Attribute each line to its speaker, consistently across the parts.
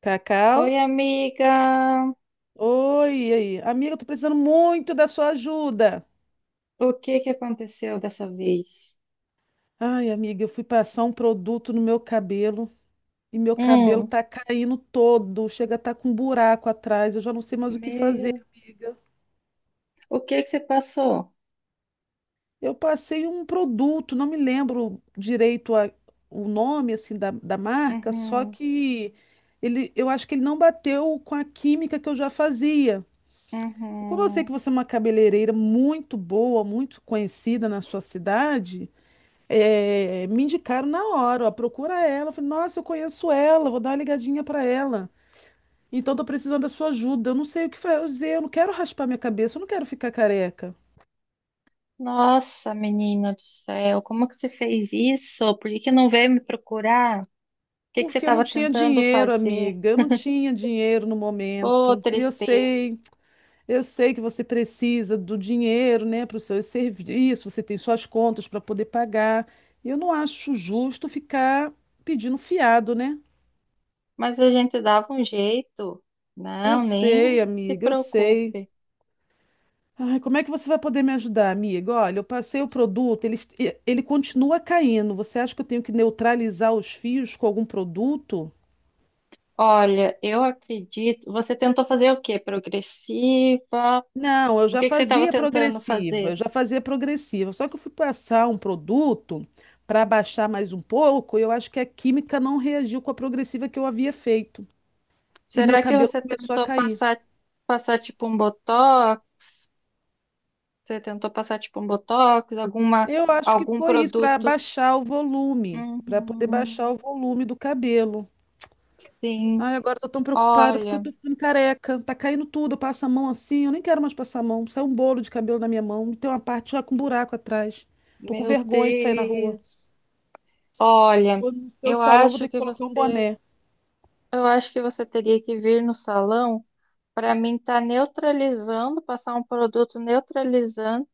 Speaker 1: Cacau?
Speaker 2: Oi, amiga.
Speaker 1: Oi, e aí? Amiga, eu tô precisando muito da sua ajuda.
Speaker 2: O que que aconteceu dessa vez?
Speaker 1: Ai, amiga, eu fui passar um produto no meu cabelo e meu cabelo
Speaker 2: Hum,
Speaker 1: tá caindo todo, chega a tá com um buraco atrás, eu já não sei mais o que fazer,
Speaker 2: Meu,
Speaker 1: amiga.
Speaker 2: o que que você passou?
Speaker 1: Eu passei um produto, não me lembro direito o nome assim da marca, só
Speaker 2: Uhum,
Speaker 1: que ele, eu acho que ele não bateu com a química que eu já fazia. Como eu sei que
Speaker 2: uhum.
Speaker 1: você é uma cabeleireira muito boa, muito conhecida na sua cidade, é, me indicaram na hora, ó, procura ela. Eu falei, nossa, eu conheço ela, vou dar uma ligadinha pra ela. Então tô precisando da sua ajuda. Eu não sei o que fazer, eu não quero raspar minha cabeça, eu não quero ficar careca.
Speaker 2: Nossa, menina do céu, como que você fez isso? Por que que não veio me procurar? O que que você
Speaker 1: Porque eu não
Speaker 2: estava
Speaker 1: tinha
Speaker 2: tentando
Speaker 1: dinheiro,
Speaker 2: fazer?
Speaker 1: amiga. Eu não tinha dinheiro no
Speaker 2: Ô,
Speaker 1: momento.
Speaker 2: tristeza.
Speaker 1: Eu sei que você precisa do dinheiro, né, para os seus serviços, você tem suas contas para poder pagar. Eu não acho justo ficar pedindo fiado, né?
Speaker 2: Mas a gente dava um jeito.
Speaker 1: Eu
Speaker 2: Não,
Speaker 1: sei,
Speaker 2: nem se
Speaker 1: amiga, eu sei.
Speaker 2: preocupe.
Speaker 1: Ai, como é que você vai poder me ajudar, amiga? Olha, eu passei o produto, ele, ele continua caindo. Você acha que eu tenho que neutralizar os fios com algum produto?
Speaker 2: Olha, eu acredito. Você tentou fazer o quê? Progressiva?
Speaker 1: Não, eu
Speaker 2: O
Speaker 1: já
Speaker 2: que que você estava
Speaker 1: fazia
Speaker 2: tentando
Speaker 1: progressiva, eu
Speaker 2: fazer?
Speaker 1: já fazia progressiva. Só que eu fui passar um produto para baixar mais um pouco, e eu acho que a química não reagiu com a progressiva que eu havia feito. E meu
Speaker 2: Será que
Speaker 1: cabelo
Speaker 2: você
Speaker 1: começou a
Speaker 2: tentou
Speaker 1: cair.
Speaker 2: passar, passar tipo um botox? Você tentou passar tipo um botox? Alguma,
Speaker 1: Eu acho que
Speaker 2: algum
Speaker 1: foi isso, para
Speaker 2: produto?
Speaker 1: baixar o volume, para poder baixar
Speaker 2: Uhum,
Speaker 1: o volume do cabelo.
Speaker 2: sim.
Speaker 1: Ai, agora eu tô tão preocupada porque eu
Speaker 2: Olha,
Speaker 1: tô ficando careca. Tá caindo tudo, eu passo a mão assim. Eu nem quero mais passar a mão. Sai um bolo de cabelo na minha mão. Tem uma parte já com um buraco atrás. Tô com
Speaker 2: meu
Speaker 1: vergonha de sair na rua.
Speaker 2: Deus. Olha,
Speaker 1: Vou no seu
Speaker 2: eu
Speaker 1: salão, vou
Speaker 2: acho
Speaker 1: ter que
Speaker 2: que
Speaker 1: colocar um
Speaker 2: você,
Speaker 1: boné.
Speaker 2: eu acho que você teria que vir no salão para mim estar neutralizando, passar um produto neutralizante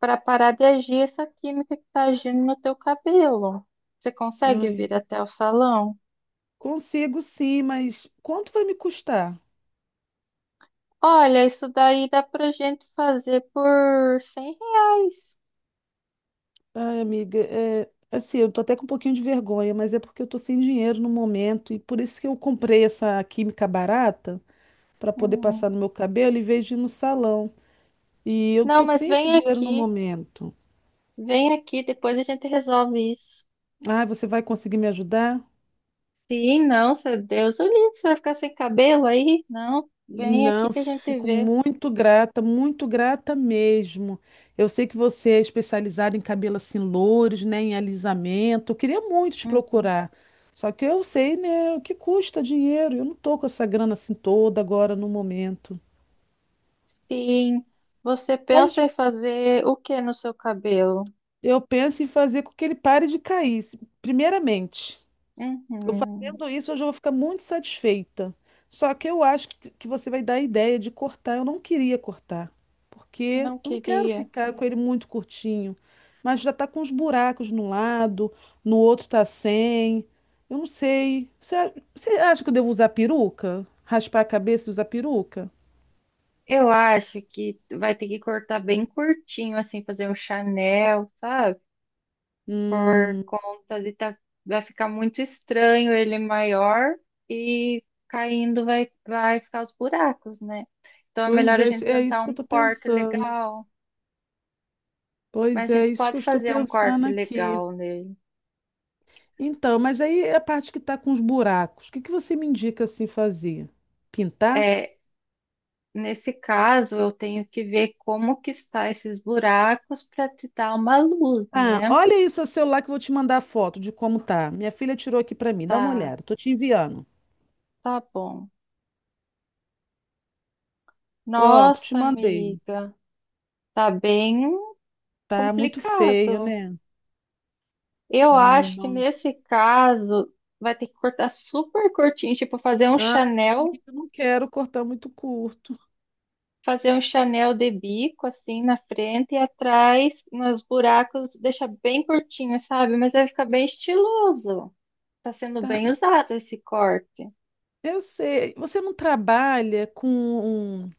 Speaker 2: para parar de agir essa química que está agindo no teu cabelo. Você consegue
Speaker 1: Ai,
Speaker 2: vir até o salão?
Speaker 1: consigo sim, mas quanto vai me custar?
Speaker 2: Olha, isso daí dá pra gente fazer por R$ 100.
Speaker 1: Ai, amiga, assim, eu tô até com um pouquinho de vergonha, mas é porque eu tô sem dinheiro no momento e por isso que eu comprei essa química barata pra poder
Speaker 2: Hum,
Speaker 1: passar no meu cabelo em vez de ir no salão. E eu
Speaker 2: Não,
Speaker 1: tô
Speaker 2: mas
Speaker 1: sem esse
Speaker 2: vem
Speaker 1: dinheiro no
Speaker 2: aqui.
Speaker 1: momento.
Speaker 2: Vem aqui, depois a gente resolve isso.
Speaker 1: Ah, você vai conseguir me ajudar?
Speaker 2: Sim, não, seu Deus, o livro, você vai ficar sem cabelo aí? Não, vem aqui
Speaker 1: Não,
Speaker 2: que a gente
Speaker 1: fico
Speaker 2: vê.
Speaker 1: muito grata mesmo. Eu sei que você é especializada em cabelo assim, louros, né, em alisamento. Eu queria muito te
Speaker 2: Uhum,
Speaker 1: procurar. Só que eu sei, né, o que custa dinheiro. Eu não tô com essa grana assim toda agora no momento.
Speaker 2: sim, você pensa
Speaker 1: Quase
Speaker 2: em fazer o que no seu cabelo?
Speaker 1: eu penso em fazer com que ele pare de cair, primeiramente. Eu
Speaker 2: Uhum.
Speaker 1: fazendo isso, eu já vou ficar muito satisfeita. Só que eu acho que você vai dar a ideia de cortar. Eu não queria cortar, porque
Speaker 2: Não
Speaker 1: eu não quero
Speaker 2: queria.
Speaker 1: ficar com ele muito curtinho. Mas já tá com uns buracos no lado, no outro tá sem. Eu não sei. Você, você acha que eu devo usar peruca? Raspar a cabeça e usar peruca?
Speaker 2: Eu acho que vai ter que cortar bem curtinho, assim, fazer um Chanel, sabe?
Speaker 1: Hum,
Speaker 2: Por conta de tá, vai ficar muito estranho ele maior e caindo vai ficar os buracos, né? Então é
Speaker 1: pois
Speaker 2: melhor a
Speaker 1: é,
Speaker 2: gente
Speaker 1: é
Speaker 2: tentar
Speaker 1: isso que eu
Speaker 2: um
Speaker 1: tô
Speaker 2: corte
Speaker 1: pensando.
Speaker 2: legal, mas a
Speaker 1: Pois é, é
Speaker 2: gente
Speaker 1: isso que eu
Speaker 2: pode
Speaker 1: estou
Speaker 2: fazer um
Speaker 1: pensando
Speaker 2: corte
Speaker 1: aqui.
Speaker 2: legal nele.
Speaker 1: Então, mas aí é a parte que está com os buracos, o que que você me indica assim fazer? Pintar?
Speaker 2: É, nesse caso, eu tenho que ver como que está esses buracos para te dar uma luz,
Speaker 1: Ah,
Speaker 2: né?
Speaker 1: olha aí o seu celular que eu vou te mandar a foto de como tá. Minha filha tirou aqui para mim, dá uma
Speaker 2: Tá,
Speaker 1: olhada, tô te enviando.
Speaker 2: tá bom.
Speaker 1: Pronto, te
Speaker 2: Nossa,
Speaker 1: mandei.
Speaker 2: amiga, tá bem
Speaker 1: Tá muito feio,
Speaker 2: complicado.
Speaker 1: né?
Speaker 2: Eu
Speaker 1: Ai,
Speaker 2: acho que
Speaker 1: nossa.
Speaker 2: nesse caso vai ter que cortar super curtinho, tipo
Speaker 1: Ah, amiga, eu não quero cortar muito curto.
Speaker 2: Fazer um Chanel de bico assim na frente e atrás, nos buracos, deixa bem curtinho, sabe? Mas vai ficar bem estiloso. Tá sendo
Speaker 1: Tá,
Speaker 2: bem usado esse corte.
Speaker 1: eu sei. Você não trabalha com um-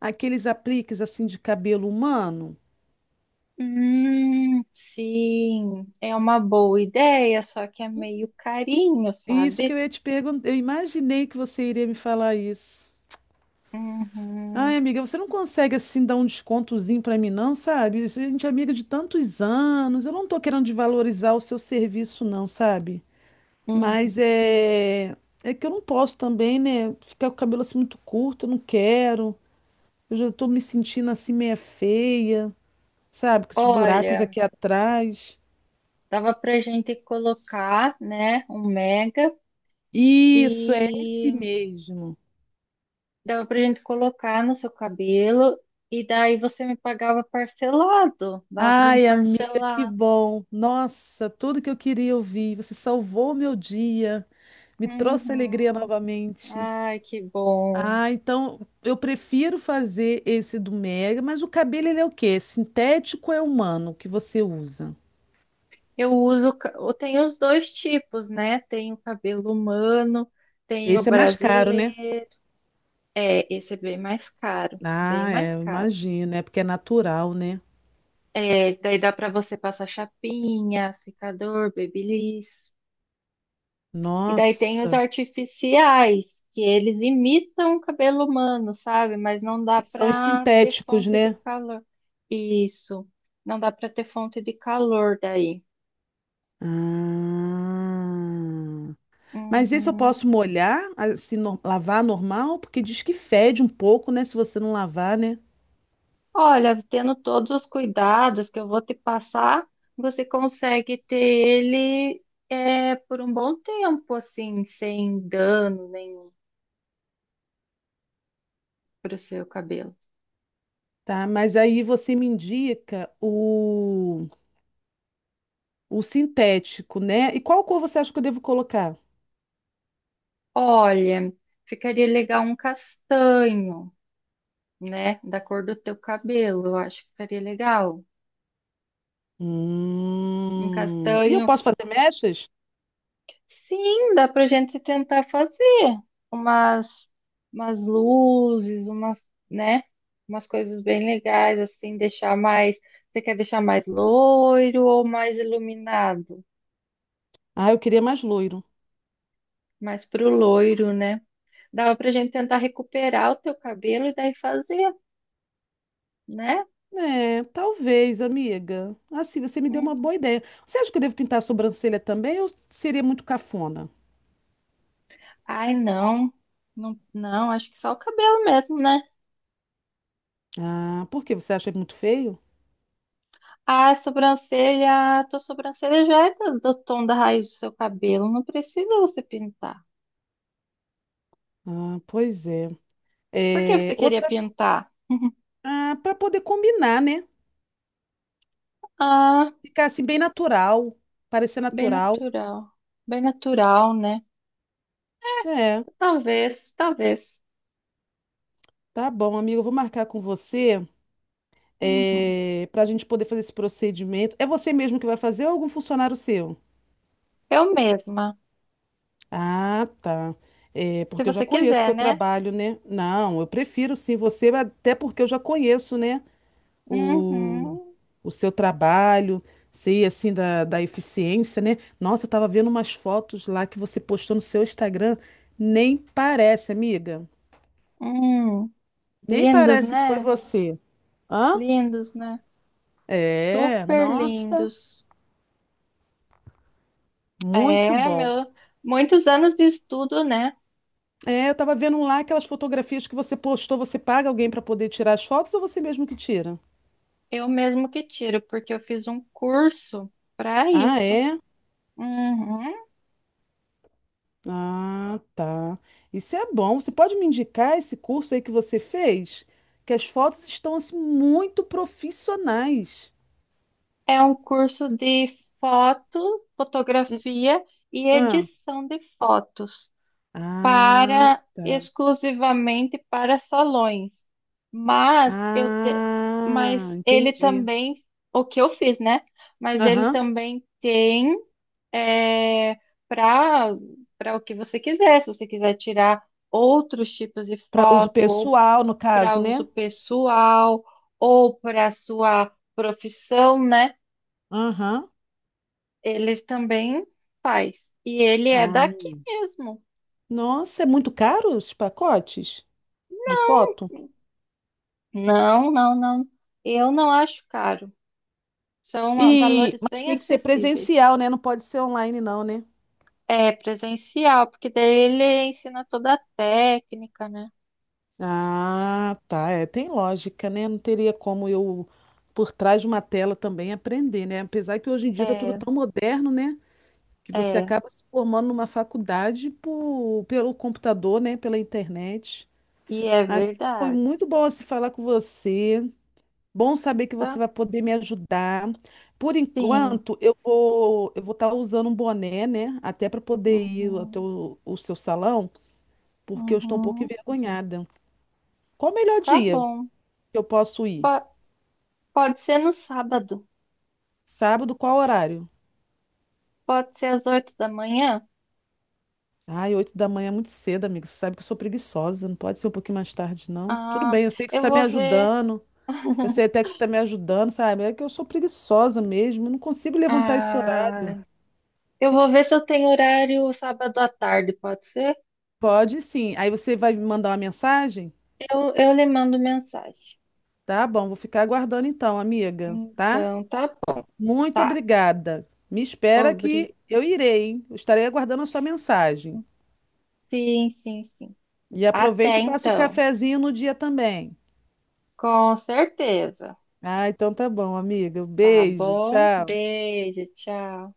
Speaker 1: aqueles apliques assim de cabelo humano?
Speaker 2: Sim, é uma boa ideia, só que é meio carinho,
Speaker 1: Isso que eu
Speaker 2: sabe?
Speaker 1: ia te perguntar. Eu imaginei que você iria me falar isso. Ai,
Speaker 2: Uhum,
Speaker 1: amiga, você não consegue assim dar um descontozinho pra mim, não, sabe? A gente é amiga de tantos anos. Eu não tô querendo desvalorizar o seu serviço, não, sabe?
Speaker 2: uhum.
Speaker 1: Mas é que eu não posso também, né? Ficar com o cabelo assim muito curto, eu não quero. Eu já tô me sentindo assim meia feia, sabe? Com esses buracos
Speaker 2: Olha,
Speaker 1: aqui atrás.
Speaker 2: dava pra gente colocar, né, um mega
Speaker 1: Isso, é esse
Speaker 2: e
Speaker 1: mesmo.
Speaker 2: dava pra gente colocar no seu cabelo e daí você me pagava parcelado. Dava pra gente
Speaker 1: Ai, amiga, que
Speaker 2: parcelar.
Speaker 1: bom. Nossa, tudo que eu queria ouvir. Você salvou o meu dia. Me trouxe
Speaker 2: Uhum.
Speaker 1: alegria novamente.
Speaker 2: Ai, que bom.
Speaker 1: Ah, então eu prefiro fazer esse do Mega, mas o cabelo ele é o quê? Sintético ou é humano que você usa?
Speaker 2: Eu uso, eu tenho os dois tipos, né? Tem o cabelo humano, tem o
Speaker 1: Esse é mais caro, né?
Speaker 2: brasileiro. É, esse é bem mais caro, bem
Speaker 1: Ah,
Speaker 2: mais
Speaker 1: é, eu
Speaker 2: caro.
Speaker 1: imagino, é porque é natural, né?
Speaker 2: É, daí dá pra você passar chapinha, secador, babyliss. E daí tem os
Speaker 1: Nossa,
Speaker 2: artificiais, que eles imitam o cabelo humano, sabe? Mas não dá
Speaker 1: que são os
Speaker 2: para ter
Speaker 1: sintéticos,
Speaker 2: fonte de
Speaker 1: né?
Speaker 2: calor. Isso. Não dá para ter fonte de calor daí.
Speaker 1: Ah, mas esse eu
Speaker 2: Uhum.
Speaker 1: posso molhar, assim, lavar normal, porque diz que fede um pouco, né? Se você não lavar, né?
Speaker 2: Olha, tendo todos os cuidados que eu vou te passar, você consegue ter ele por um bom tempo, assim, sem dano nenhum para o seu cabelo.
Speaker 1: Tá, mas aí você me indica o sintético, né? E qual cor você acha que eu devo colocar?
Speaker 2: Olha, ficaria legal um castanho, né? Da cor do teu cabelo, eu acho que seria legal. Um
Speaker 1: E eu
Speaker 2: castanho.
Speaker 1: posso fazer mechas?
Speaker 2: Sim, dá pra gente tentar fazer umas, umas luzes, umas, né? Umas coisas bem legais, assim, deixar mais. Você quer deixar mais loiro ou mais iluminado?
Speaker 1: Ah, eu queria mais loiro.
Speaker 2: Mais pro loiro, né? Dava pra gente tentar recuperar o teu cabelo e daí fazer, né?
Speaker 1: É, talvez, amiga. Assim, você me deu uma
Speaker 2: Hum.
Speaker 1: boa ideia. Você acha que eu devo pintar a sobrancelha também ou seria muito cafona?
Speaker 2: Ai, não. Não, acho que só o cabelo mesmo, né?
Speaker 1: Ah, por quê? Você acha muito feio?
Speaker 2: A sobrancelha, a tua sobrancelha já é do tom da raiz do seu cabelo, não precisa você pintar.
Speaker 1: Ah, pois é.
Speaker 2: Por que
Speaker 1: É,
Speaker 2: você queria
Speaker 1: outra,
Speaker 2: pintar?
Speaker 1: ah, para poder combinar, né?
Speaker 2: Ah,
Speaker 1: Ficar assim bem natural, parecer
Speaker 2: bem
Speaker 1: natural.
Speaker 2: natural. Bem natural, né?
Speaker 1: É,
Speaker 2: Talvez, talvez.
Speaker 1: tá bom, amiga. Eu vou marcar com você
Speaker 2: Uhum.
Speaker 1: para a gente poder fazer esse procedimento. É você mesmo que vai fazer ou é algum funcionário seu?
Speaker 2: Eu mesma,
Speaker 1: Ah, tá. É,
Speaker 2: se
Speaker 1: porque eu já
Speaker 2: você
Speaker 1: conheço o
Speaker 2: quiser,
Speaker 1: seu
Speaker 2: né?
Speaker 1: trabalho, né? Não, eu prefiro sim você, até porque eu já conheço, né? O,
Speaker 2: Uhum.
Speaker 1: o seu trabalho, sei assim da eficiência, né? Nossa, eu tava vendo umas fotos lá que você postou no seu Instagram. Nem parece, amiga.
Speaker 2: Hum.
Speaker 1: Nem
Speaker 2: Lindos,
Speaker 1: parece que foi
Speaker 2: né?
Speaker 1: você. Hã?
Speaker 2: Lindos, né?
Speaker 1: É,
Speaker 2: Super
Speaker 1: nossa,
Speaker 2: lindos.
Speaker 1: muito
Speaker 2: É,
Speaker 1: bom.
Speaker 2: meu, muitos anos de estudo, né?
Speaker 1: É, eu tava vendo lá aquelas fotografias que você postou, você paga alguém para poder tirar as fotos ou você mesmo que tira?
Speaker 2: Eu mesmo que tiro, porque eu fiz um curso para
Speaker 1: Ah,
Speaker 2: isso.
Speaker 1: é?
Speaker 2: Uhum.
Speaker 1: Ah, tá. Isso é bom. Você pode me indicar esse curso aí que você fez? Que as fotos estão assim muito profissionais.
Speaker 2: É um curso de
Speaker 1: Hum.
Speaker 2: fotografia e
Speaker 1: Ah,
Speaker 2: edição de fotos
Speaker 1: ah,
Speaker 2: para
Speaker 1: tá.
Speaker 2: exclusivamente para salões. Mas eu te,
Speaker 1: Ah,
Speaker 2: mas ele
Speaker 1: entendi.
Speaker 2: também, o que eu fiz, né? Mas ele
Speaker 1: Aham.
Speaker 2: também tem é, para para o que você quiser. Se você quiser tirar outros tipos de
Speaker 1: Para uso
Speaker 2: foto ou
Speaker 1: pessoal, no
Speaker 2: para
Speaker 1: caso,
Speaker 2: uso
Speaker 1: né?
Speaker 2: pessoal ou para sua profissão, né?
Speaker 1: Aham.
Speaker 2: Ele também faz. E ele é
Speaker 1: Ah,
Speaker 2: daqui mesmo.
Speaker 1: nossa, é muito caro esses pacotes de foto?
Speaker 2: Não. Eu não acho caro. São
Speaker 1: E,
Speaker 2: valores
Speaker 1: mas
Speaker 2: bem
Speaker 1: tem que ser
Speaker 2: acessíveis.
Speaker 1: presencial, né? Não pode ser online, não, né?
Speaker 2: É presencial, porque daí ele ensina toda a técnica, né?
Speaker 1: Ah, tá. É, tem lógica, né? Não teria como eu, por trás de uma tela também, aprender, né? Apesar que hoje em dia tá tudo
Speaker 2: É,
Speaker 1: tão moderno, né? Que você
Speaker 2: é.
Speaker 1: acaba se formando numa faculdade pelo computador, né? Pela internet.
Speaker 2: E é
Speaker 1: Amiga, foi
Speaker 2: verdade,
Speaker 1: muito bom se falar com você. Bom saber que você
Speaker 2: tá?
Speaker 1: vai poder me ajudar. Por
Speaker 2: Sim.
Speaker 1: enquanto, eu vou estar usando um boné, né? Até para poder ir até
Speaker 2: Uhum,
Speaker 1: o seu salão, porque eu estou um pouco
Speaker 2: uhum.
Speaker 1: envergonhada. Qual o melhor
Speaker 2: Tá
Speaker 1: dia
Speaker 2: bom.
Speaker 1: que eu posso ir?
Speaker 2: Po- Pode ser no sábado.
Speaker 1: Sábado, qual horário?
Speaker 2: Pode ser às 8 da manhã.
Speaker 1: Ai, 8 da manhã é muito cedo, amigo. Você sabe que eu sou preguiçosa, não pode ser um pouquinho mais tarde, não. Tudo
Speaker 2: Ah,
Speaker 1: bem, eu sei que você
Speaker 2: eu
Speaker 1: está me
Speaker 2: vou ver.
Speaker 1: ajudando. Eu sei até que você está me ajudando, sabe? É que eu sou preguiçosa mesmo, eu não consigo levantar esse horário.
Speaker 2: Ah, eu vou ver se eu tenho horário sábado à tarde, pode ser?
Speaker 1: Pode sim. Aí você vai me mandar uma mensagem?
Speaker 2: Eu lhe mando mensagem.
Speaker 1: Tá bom, vou ficar aguardando então, amiga, tá?
Speaker 2: Então, tá bom.
Speaker 1: Muito
Speaker 2: Tá.
Speaker 1: obrigada. Me espera
Speaker 2: Obri...
Speaker 1: que eu irei, hein? Eu estarei aguardando a sua mensagem.
Speaker 2: Sim, sim, sim.
Speaker 1: E aproveita
Speaker 2: Até
Speaker 1: e faça o
Speaker 2: então.
Speaker 1: cafezinho no dia também.
Speaker 2: Com certeza.
Speaker 1: Ah, então tá bom, amiga. Um
Speaker 2: Tá
Speaker 1: beijo,
Speaker 2: bom?
Speaker 1: tchau.
Speaker 2: Beijo, tchau.